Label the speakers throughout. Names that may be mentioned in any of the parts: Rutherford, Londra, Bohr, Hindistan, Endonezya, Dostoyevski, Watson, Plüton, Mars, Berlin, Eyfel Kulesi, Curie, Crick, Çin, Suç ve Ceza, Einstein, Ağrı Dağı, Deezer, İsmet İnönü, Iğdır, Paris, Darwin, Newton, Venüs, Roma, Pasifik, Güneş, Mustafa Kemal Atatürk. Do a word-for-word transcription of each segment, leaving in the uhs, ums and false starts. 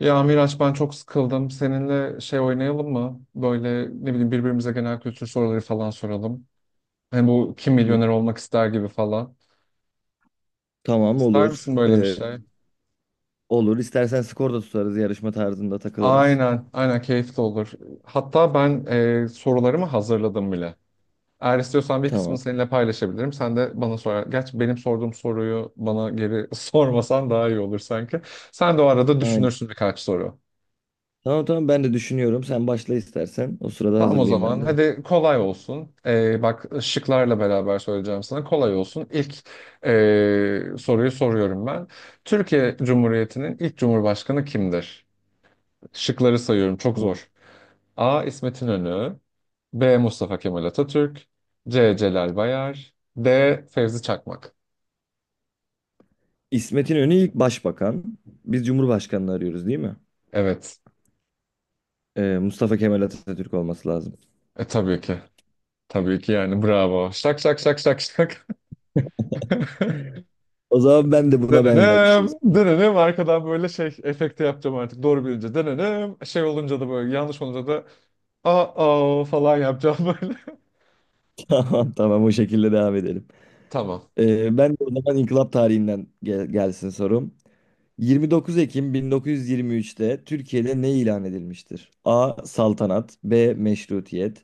Speaker 1: Ya Miraç ben çok sıkıldım. Seninle şey oynayalım mı? Böyle ne bileyim birbirimize genel kültür soruları falan soralım. Hani bu kim milyoner olmak ister gibi falan.
Speaker 2: Tamam,
Speaker 1: İster
Speaker 2: olur.
Speaker 1: misin böyle bir
Speaker 2: Ee,
Speaker 1: şey?
Speaker 2: olur. İstersen skor da tutarız. Yarışma tarzında takılırız.
Speaker 1: Aynen, aynen keyifli olur. Hatta ben e, sorularımı hazırladım bile. Eğer istiyorsan bir kısmını
Speaker 2: Tamam.
Speaker 1: seninle paylaşabilirim. Sen de bana sorar. Gerçi benim sorduğum soruyu bana geri sormasan daha iyi olur sanki. Sen de o arada
Speaker 2: Aynen.
Speaker 1: düşünürsün birkaç soru.
Speaker 2: Tamam, tamam, ben de düşünüyorum. Sen başla istersen. O sırada
Speaker 1: Tamam o
Speaker 2: hazırlayayım
Speaker 1: zaman.
Speaker 2: ben de.
Speaker 1: Hadi kolay olsun. Ee, bak şıklarla beraber söyleyeceğim sana. Kolay olsun. İlk ee, soruyu soruyorum ben. Türkiye Cumhuriyeti'nin ilk cumhurbaşkanı kimdir? Şıkları sayıyorum. Çok
Speaker 2: Tamam.
Speaker 1: zor. A. İsmet İnönü. B. Mustafa Kemal Atatürk. C. Celal Bayar. D. Fevzi Çakmak.
Speaker 2: İsmet İnönü ilk başbakan. Biz Cumhurbaşkanını arıyoruz değil mi?
Speaker 1: Evet.
Speaker 2: Ee, Mustafa Kemal Atatürk olması lazım.
Speaker 1: E tabii ki. Tabii ki yani bravo. Şak şak şak şak şak.
Speaker 2: O zaman ben de buna benzer bir şey.
Speaker 1: Denenem, denenem. Arkadan böyle şey efekte yapacağım artık. Doğru bilince denenem. Şey olunca da böyle, yanlış olunca da aa falan yapacağım böyle.
Speaker 2: Tamam, tamam, o şekilde devam edelim.
Speaker 1: Tamam.
Speaker 2: Ee, ben de o zaman inkılap tarihinden gel- gelsin sorum. Yirmi dokuz Ekim bin dokuz yüz yirmi üç'te Türkiye'de ne ilan edilmiştir? A. Saltanat, B. Meşrutiyet,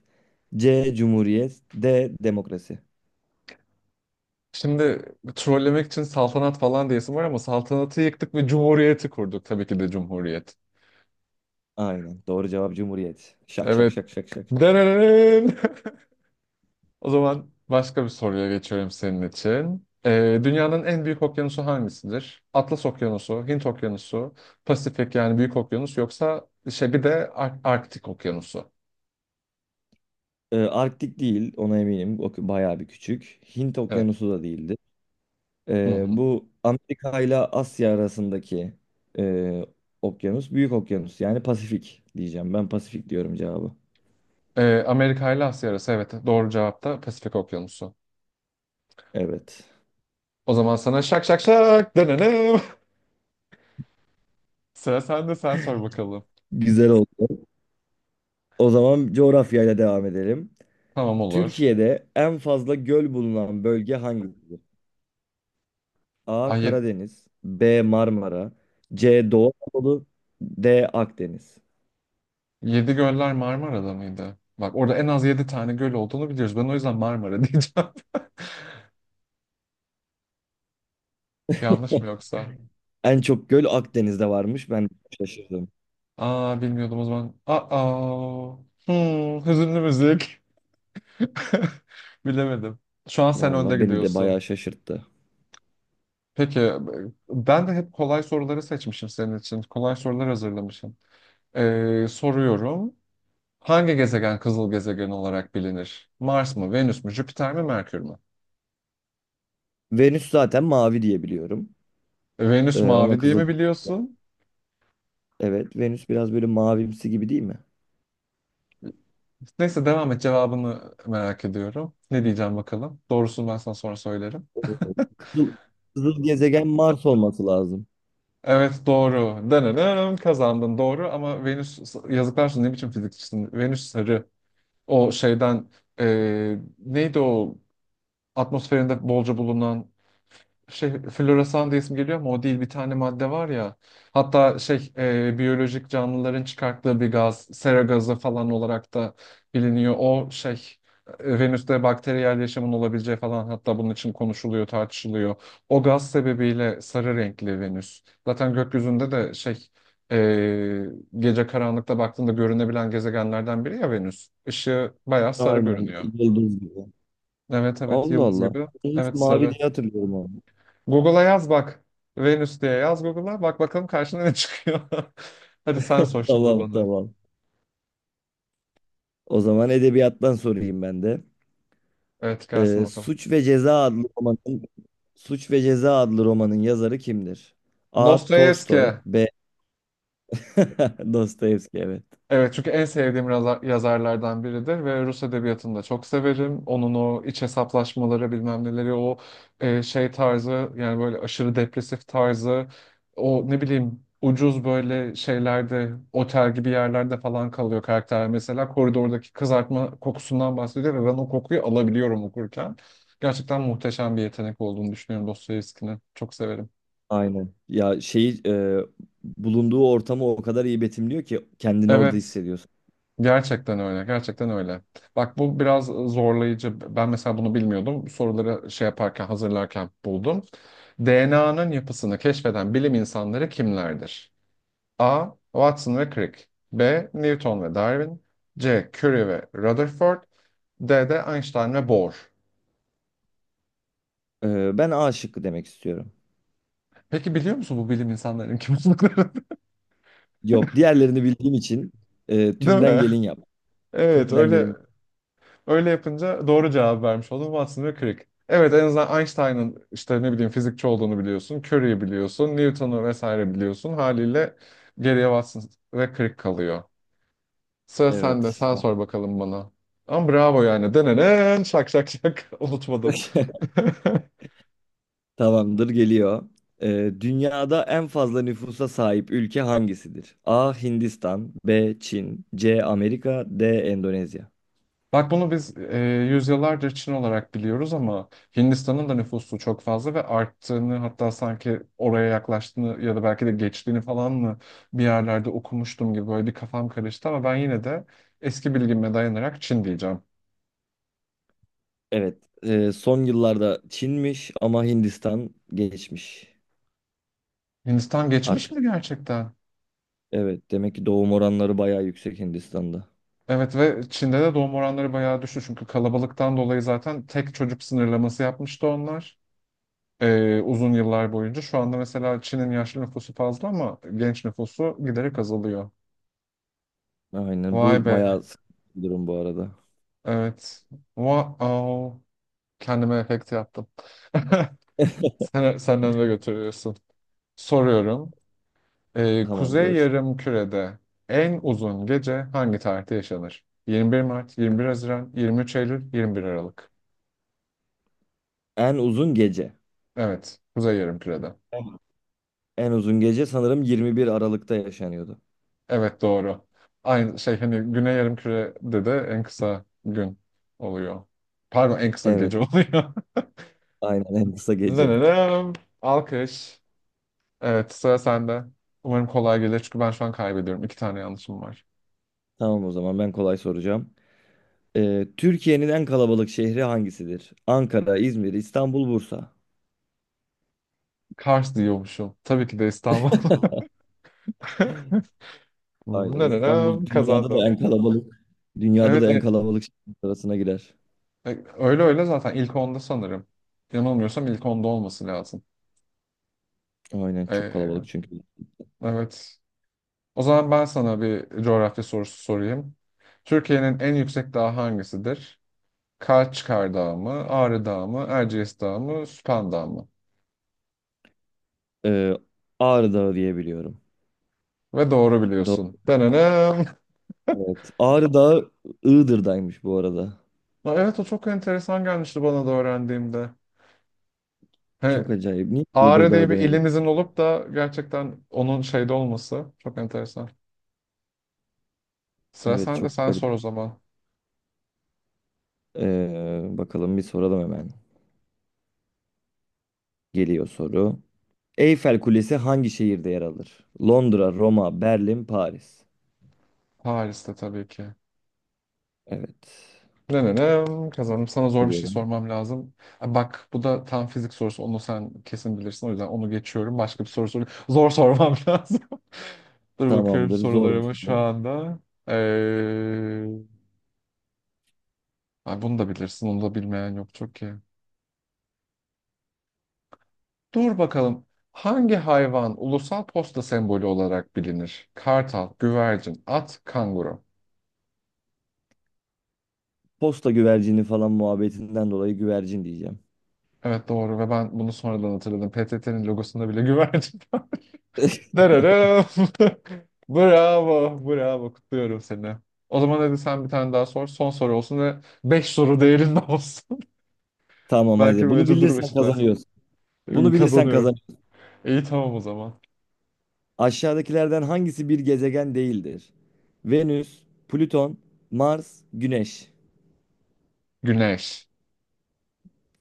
Speaker 2: C. Cumhuriyet, D. Demokrasi.
Speaker 1: Şimdi trollemek için saltanat falan diyesim var ama saltanatı yıktık ve cumhuriyeti kurduk. Tabii ki de cumhuriyet.
Speaker 2: Aynen. Doğru cevap Cumhuriyet. Şak şak
Speaker 1: Evet.
Speaker 2: şak şak şak.
Speaker 1: Denenem. O zaman başka bir soruya geçiyorum senin için. Ee, dünyanın en büyük okyanusu hangisidir? Atlas Okyanusu, Hint Okyanusu, Pasifik yani Büyük Okyanus, yoksa şey bir de Ar- Arktik Okyanusu.
Speaker 2: Ee, Arktik değil, ona eminim. O bayağı bir küçük. Hint
Speaker 1: Evet.
Speaker 2: Okyanusu da değildi.
Speaker 1: Hı
Speaker 2: Ee,
Speaker 1: hı.
Speaker 2: bu Amerika ile Asya arasındaki e, okyanus, büyük okyanus yani Pasifik diyeceğim. Ben Pasifik diyorum cevabı.
Speaker 1: Ee, Amerika ile Asya arası, evet, doğru cevap da Pasifik Okyanusu.
Speaker 2: Evet.
Speaker 1: O zaman sana şak şak şak denelim. Sıra sende, sen sor bakalım.
Speaker 2: Güzel oldu. O zaman coğrafyayla devam edelim.
Speaker 1: Tamam olur.
Speaker 2: Türkiye'de en fazla göl bulunan bölge hangisidir? A.
Speaker 1: Ay, yedi,
Speaker 2: Karadeniz, B. Marmara, C. Doğu Anadolu, D. Akdeniz.
Speaker 1: yedi göller Marmara'da mıydı? Bak orada en az yedi tane göl olduğunu biliyoruz. Ben o yüzden Marmara diyeceğim. Yanlış mı yoksa?
Speaker 2: En çok göl Akdeniz'de varmış. Ben şaşırdım.
Speaker 1: Aa, bilmiyordum o zaman. Aa. Hmm, hüzünlü müzik. Bilemedim. Şu an sen önde
Speaker 2: Vallahi beni de
Speaker 1: gidiyorsun.
Speaker 2: bayağı şaşırttı.
Speaker 1: Peki, ben de hep kolay soruları seçmişim senin için. Kolay sorular hazırlamışım. Ee, soruyorum. Hangi gezegen kızıl gezegen olarak bilinir? Mars mı, Venüs mü, Jüpiter mi, Merkür mü?
Speaker 2: Venüs zaten mavi diye biliyorum.
Speaker 1: Venüs
Speaker 2: Ee, ona
Speaker 1: mavi diye
Speaker 2: kızıl.
Speaker 1: mi biliyorsun?
Speaker 2: Evet, Venüs biraz böyle mavimsi gibi değil mi?
Speaker 1: Neyse devam et, cevabını merak ediyorum. Ne diyeceğim bakalım. Doğrusunu ben sana sonra söylerim.
Speaker 2: Kızıl, kızıl gezegen Mars olması lazım.
Speaker 1: Evet doğru. Danırım kazandın doğru, ama Venüs, yazıklar olsun, ne biçim fizikçisin? Venüs sarı. O şeyden e, neydi o atmosferinde bolca bulunan şey, floresan diye isim geliyor ama o değil, bir tane madde var ya. Hatta şey, e, biyolojik canlıların çıkarttığı bir gaz, sera gazı falan olarak da biliniyor. O şey, e, Venüs'te bakteriyel yaşamın olabileceği falan, hatta bunun için konuşuluyor, tartışılıyor. O gaz sebebiyle sarı renkli Venüs. Zaten gökyüzünde de şey, e, gece karanlıkta baktığında görünebilen gezegenlerden biri ya Venüs. Işığı bayağı sarı
Speaker 2: Aynen,
Speaker 1: görünüyor.
Speaker 2: yıldız gibi.
Speaker 1: Evet evet,
Speaker 2: Allah
Speaker 1: yıldız
Speaker 2: Allah.
Speaker 1: gibi.
Speaker 2: Ben hiç
Speaker 1: Evet
Speaker 2: mavi
Speaker 1: sarı.
Speaker 2: diye hatırlıyorum onu.
Speaker 1: Google'a yaz bak. Venüs diye yaz Google'a. Bak bakalım karşına ne çıkıyor. Hadi sen sor şimdi
Speaker 2: Tamam,
Speaker 1: bana.
Speaker 2: tamam. O zaman edebiyattan sorayım ben de.
Speaker 1: Evet, gelsin
Speaker 2: Ee,
Speaker 1: bakalım.
Speaker 2: Suç ve Ceza adlı romanın Suç ve Ceza adlı romanın yazarı kimdir? A.
Speaker 1: Dostoyevski.
Speaker 2: Tolstoy, B. Dostoyevski, evet.
Speaker 1: Evet, çünkü en sevdiğim raza- yazarlardan biridir ve Rus edebiyatını da çok severim. Onun o iç hesaplaşmaları, bilmem neleri, o e, şey tarzı, yani böyle aşırı depresif tarzı, o ne bileyim, ucuz böyle şeylerde, otel gibi yerlerde falan kalıyor karakter, mesela koridordaki kızartma kokusundan bahsediyor ve ben o kokuyu alabiliyorum okurken. Gerçekten muhteşem bir yetenek olduğunu düşünüyorum Dostoyevski'nin. Çok severim.
Speaker 2: Aynen. Ya şeyi e, bulunduğu ortamı o kadar iyi betimliyor ki kendini orada
Speaker 1: Evet.
Speaker 2: hissediyorsun.
Speaker 1: Gerçekten öyle, gerçekten öyle. Bak bu biraz zorlayıcı. Ben mesela bunu bilmiyordum. Soruları şey yaparken, hazırlarken buldum. D N A'nın yapısını keşfeden bilim insanları kimlerdir? A. Watson ve Crick. B. Newton ve Darwin. C. Curie ve Rutherford. D de Einstein ve Bohr.
Speaker 2: Ee, ben A şıkkı demek istiyorum.
Speaker 1: Peki biliyor musun bu bilim insanlarının kim olduklarını?
Speaker 2: Yok, diğerlerini bildiğim için e,
Speaker 1: Değil
Speaker 2: tümden
Speaker 1: mi?
Speaker 2: gelin yap.
Speaker 1: Evet
Speaker 2: Tümden
Speaker 1: öyle.
Speaker 2: gelin.
Speaker 1: Öyle yapınca doğru cevap vermiş oldum. Watson ve Crick. Evet, en azından Einstein'ın işte ne bileyim fizikçi olduğunu biliyorsun. Curie'yi biliyorsun. Newton'u vesaire biliyorsun. Haliyle geriye Watson ve Crick kalıyor. Sıra sende.
Speaker 2: Evet.
Speaker 1: Sen sor bakalım bana. Ama bravo yani. Denenen şak şak şak. Unutmadım.
Speaker 2: Tamamdır, geliyor. Ee, dünyada en fazla nüfusa sahip ülke hangisidir? A. Hindistan, B. Çin, C. Amerika, D. Endonezya.
Speaker 1: Bak bunu biz e, yüzyıllardır Çin olarak biliyoruz, ama Hindistan'ın da nüfusu çok fazla ve arttığını, hatta sanki oraya yaklaştığını ya da belki de geçtiğini falan mı bir yerlerde okumuştum gibi, böyle bir kafam karıştı, ama ben yine de eski bilgime dayanarak Çin diyeceğim.
Speaker 2: Evet. e, son yıllarda Çin'miş ama Hindistan geçmiş.
Speaker 1: Hindistan geçmiş
Speaker 2: Artık
Speaker 1: mi gerçekten?
Speaker 2: evet, demek ki doğum oranları bayağı yüksek Hindistan'da.
Speaker 1: Evet, ve Çin'de de doğum oranları bayağı düştü, çünkü kalabalıktan dolayı zaten tek çocuk sınırlaması yapmıştı onlar. e, uzun yıllar boyunca. Şu anda mesela Çin'in yaşlı nüfusu fazla ama genç nüfusu giderek azalıyor.
Speaker 2: Aynen,
Speaker 1: Vay
Speaker 2: bu
Speaker 1: be.
Speaker 2: bayağı sıkıntı bir durum bu arada.
Speaker 1: Evet. Wow. Kendime efekt yaptım. Sen, senden de götürüyorsun. Soruyorum. Ee, Kuzey
Speaker 2: Tamamdır.
Speaker 1: Yarımküre'de en uzun gece hangi tarihte yaşanır? yirmi bir Mart, yirmi bir Haziran, yirmi üç Eylül, yirmi bir Aralık.
Speaker 2: En uzun gece.
Speaker 1: Evet. Kuzey Yarımküre'de.
Speaker 2: Tamam. En uzun gece sanırım yirmi bir Aralık'ta yaşanıyordu.
Speaker 1: Evet doğru. Aynı şey hani, Güney Yarımküre'de de en kısa gün oluyor. Pardon, en kısa
Speaker 2: Evet,
Speaker 1: gece oluyor.
Speaker 2: aynen en kısa gece.
Speaker 1: Dınınım. Alkış. Evet, sıra sende. Umarım kolay gelir çünkü ben şu an kaybediyorum. İki tane yanlışım var.
Speaker 2: Tamam, o zaman ben kolay soracağım. Ee, Türkiye'nin en kalabalık şehri hangisidir? Ankara, İzmir, İstanbul, Bursa.
Speaker 1: Kars diyormuşum. Tabii ki de İstanbul.
Speaker 2: Aynen,
Speaker 1: Nerenem
Speaker 2: İstanbul dünyada
Speaker 1: kazandım.
Speaker 2: da en kalabalık. Dünyada
Speaker 1: Evet,
Speaker 2: da en
Speaker 1: e-
Speaker 2: kalabalık şehir arasına girer.
Speaker 1: e, öyle öyle, zaten ilk onda sanırım. Yanılmıyorsam ilk onda olması lazım.
Speaker 2: Aynen, çok
Speaker 1: Ee,
Speaker 2: kalabalık çünkü.
Speaker 1: evet. O zaman ben sana bir coğrafya sorusu sorayım. Türkiye'nin en yüksek dağı hangisidir? Kaçkar Dağı mı, Ağrı Dağı mı, Erciyes Dağı mı, Süphan Dağı mı?
Speaker 2: Ee, Ağrı Dağı diye biliyorum.
Speaker 1: Ve doğru
Speaker 2: Doğru.
Speaker 1: biliyorsun. Denenem.
Speaker 2: Evet. Ağrı Dağı Iğdır'daymış bu arada.
Speaker 1: Ya evet, o çok enteresan gelmişti bana da öğrendiğimde. He,
Speaker 2: Çok acayip. Niye Iğdır
Speaker 1: Ağrı
Speaker 2: Dağı
Speaker 1: diye bir
Speaker 2: dememiş?
Speaker 1: ilimizin olup da gerçekten onun şeyde olması çok enteresan. Sıra
Speaker 2: Evet,
Speaker 1: sende,
Speaker 2: çok.
Speaker 1: sen sor o zaman.
Speaker 2: Ee, bakalım bir soralım hemen. Geliyor soru. Eyfel Kulesi hangi şehirde yer alır? Londra, Roma, Berlin, Paris.
Speaker 1: Paris'te tabii ki.
Speaker 2: Evet.
Speaker 1: Ne ne ne kazandım. Sana zor bir şey
Speaker 2: Duruyorum.
Speaker 1: sormam lazım. Ha, bak bu da tam fizik sorusu. Onu sen kesin bilirsin. O yüzden onu geçiyorum. Başka bir soru sor. Zor sormam lazım. Dur bakıyorum
Speaker 2: Tamamdır. Zor bir
Speaker 1: sorularımı şu
Speaker 2: soru.
Speaker 1: anda. Ee, Ay, bunu da bilirsin. Onu da bilmeyen yok çok ki. Dur bakalım. Hangi hayvan ulusal posta sembolü olarak bilinir? Kartal, güvercin, at, kanguru.
Speaker 2: Posta güvercini falan muhabbetinden dolayı güvercin diyeceğim.
Speaker 1: Evet doğru, ve ben bunu sonradan hatırladım. P T T'nin logosunda bile güvercin var. Dararım. Bravo, bravo. Kutluyorum seni. O zaman hadi sen bir tane daha sor. Son soru olsun ve beş soru değerinde olsun.
Speaker 2: Tamam,
Speaker 1: Belki
Speaker 2: hadi. Bunu
Speaker 1: böylece durum
Speaker 2: bilirsen
Speaker 1: eşitler.
Speaker 2: kazanıyorsun. Bunu bilirsen
Speaker 1: Kazanıyorum.
Speaker 2: kazan.
Speaker 1: İyi, tamam o zaman.
Speaker 2: Aşağıdakilerden hangisi bir gezegen değildir? Venüs, Plüton, Mars, Güneş.
Speaker 1: Güneş.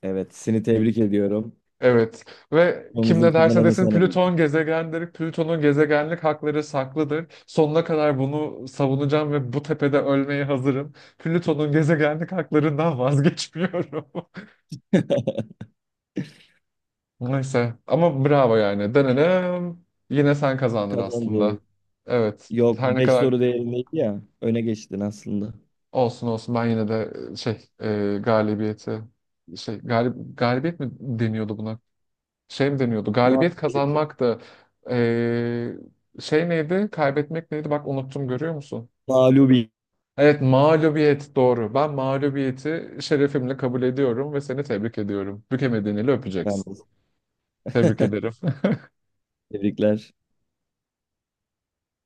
Speaker 2: Evet, seni tebrik ediyorum.
Speaker 1: Evet, ve kim
Speaker 2: Konumuzun
Speaker 1: ne derse
Speaker 2: kazananı
Speaker 1: desin,
Speaker 2: sen oldun.
Speaker 1: Plüton gezegendir. Plüton'un gezegenlik hakları saklıdır. Sonuna kadar bunu savunacağım ve bu tepede ölmeye hazırım. Plüton'un gezegenlik haklarından vazgeçmiyorum. Neyse, ama bravo yani. Denedim. Yine sen kazandın aslında.
Speaker 2: Kazandı.
Speaker 1: Evet,
Speaker 2: Yok,
Speaker 1: her ne
Speaker 2: beş
Speaker 1: kadar
Speaker 2: soru değerindeydi ya. Öne geçtin aslında.
Speaker 1: olsun olsun, ben yine de şey, e, galibiyeti, şey, galib galibiyet mi deniyordu buna? Şey mi deniyordu? Galibiyet
Speaker 2: Mağlubiyet.
Speaker 1: kazanmak da eee, şey neydi? Kaybetmek neydi? Bak unuttum, görüyor musun?
Speaker 2: Mağlubiyet.
Speaker 1: Evet, mağlubiyet doğru. Ben mağlubiyeti şerefimle kabul ediyorum ve seni tebrik ediyorum. Bükemediğini öpeceksin.
Speaker 2: Yalnız.
Speaker 1: Tebrik ederim.
Speaker 2: Tebrikler.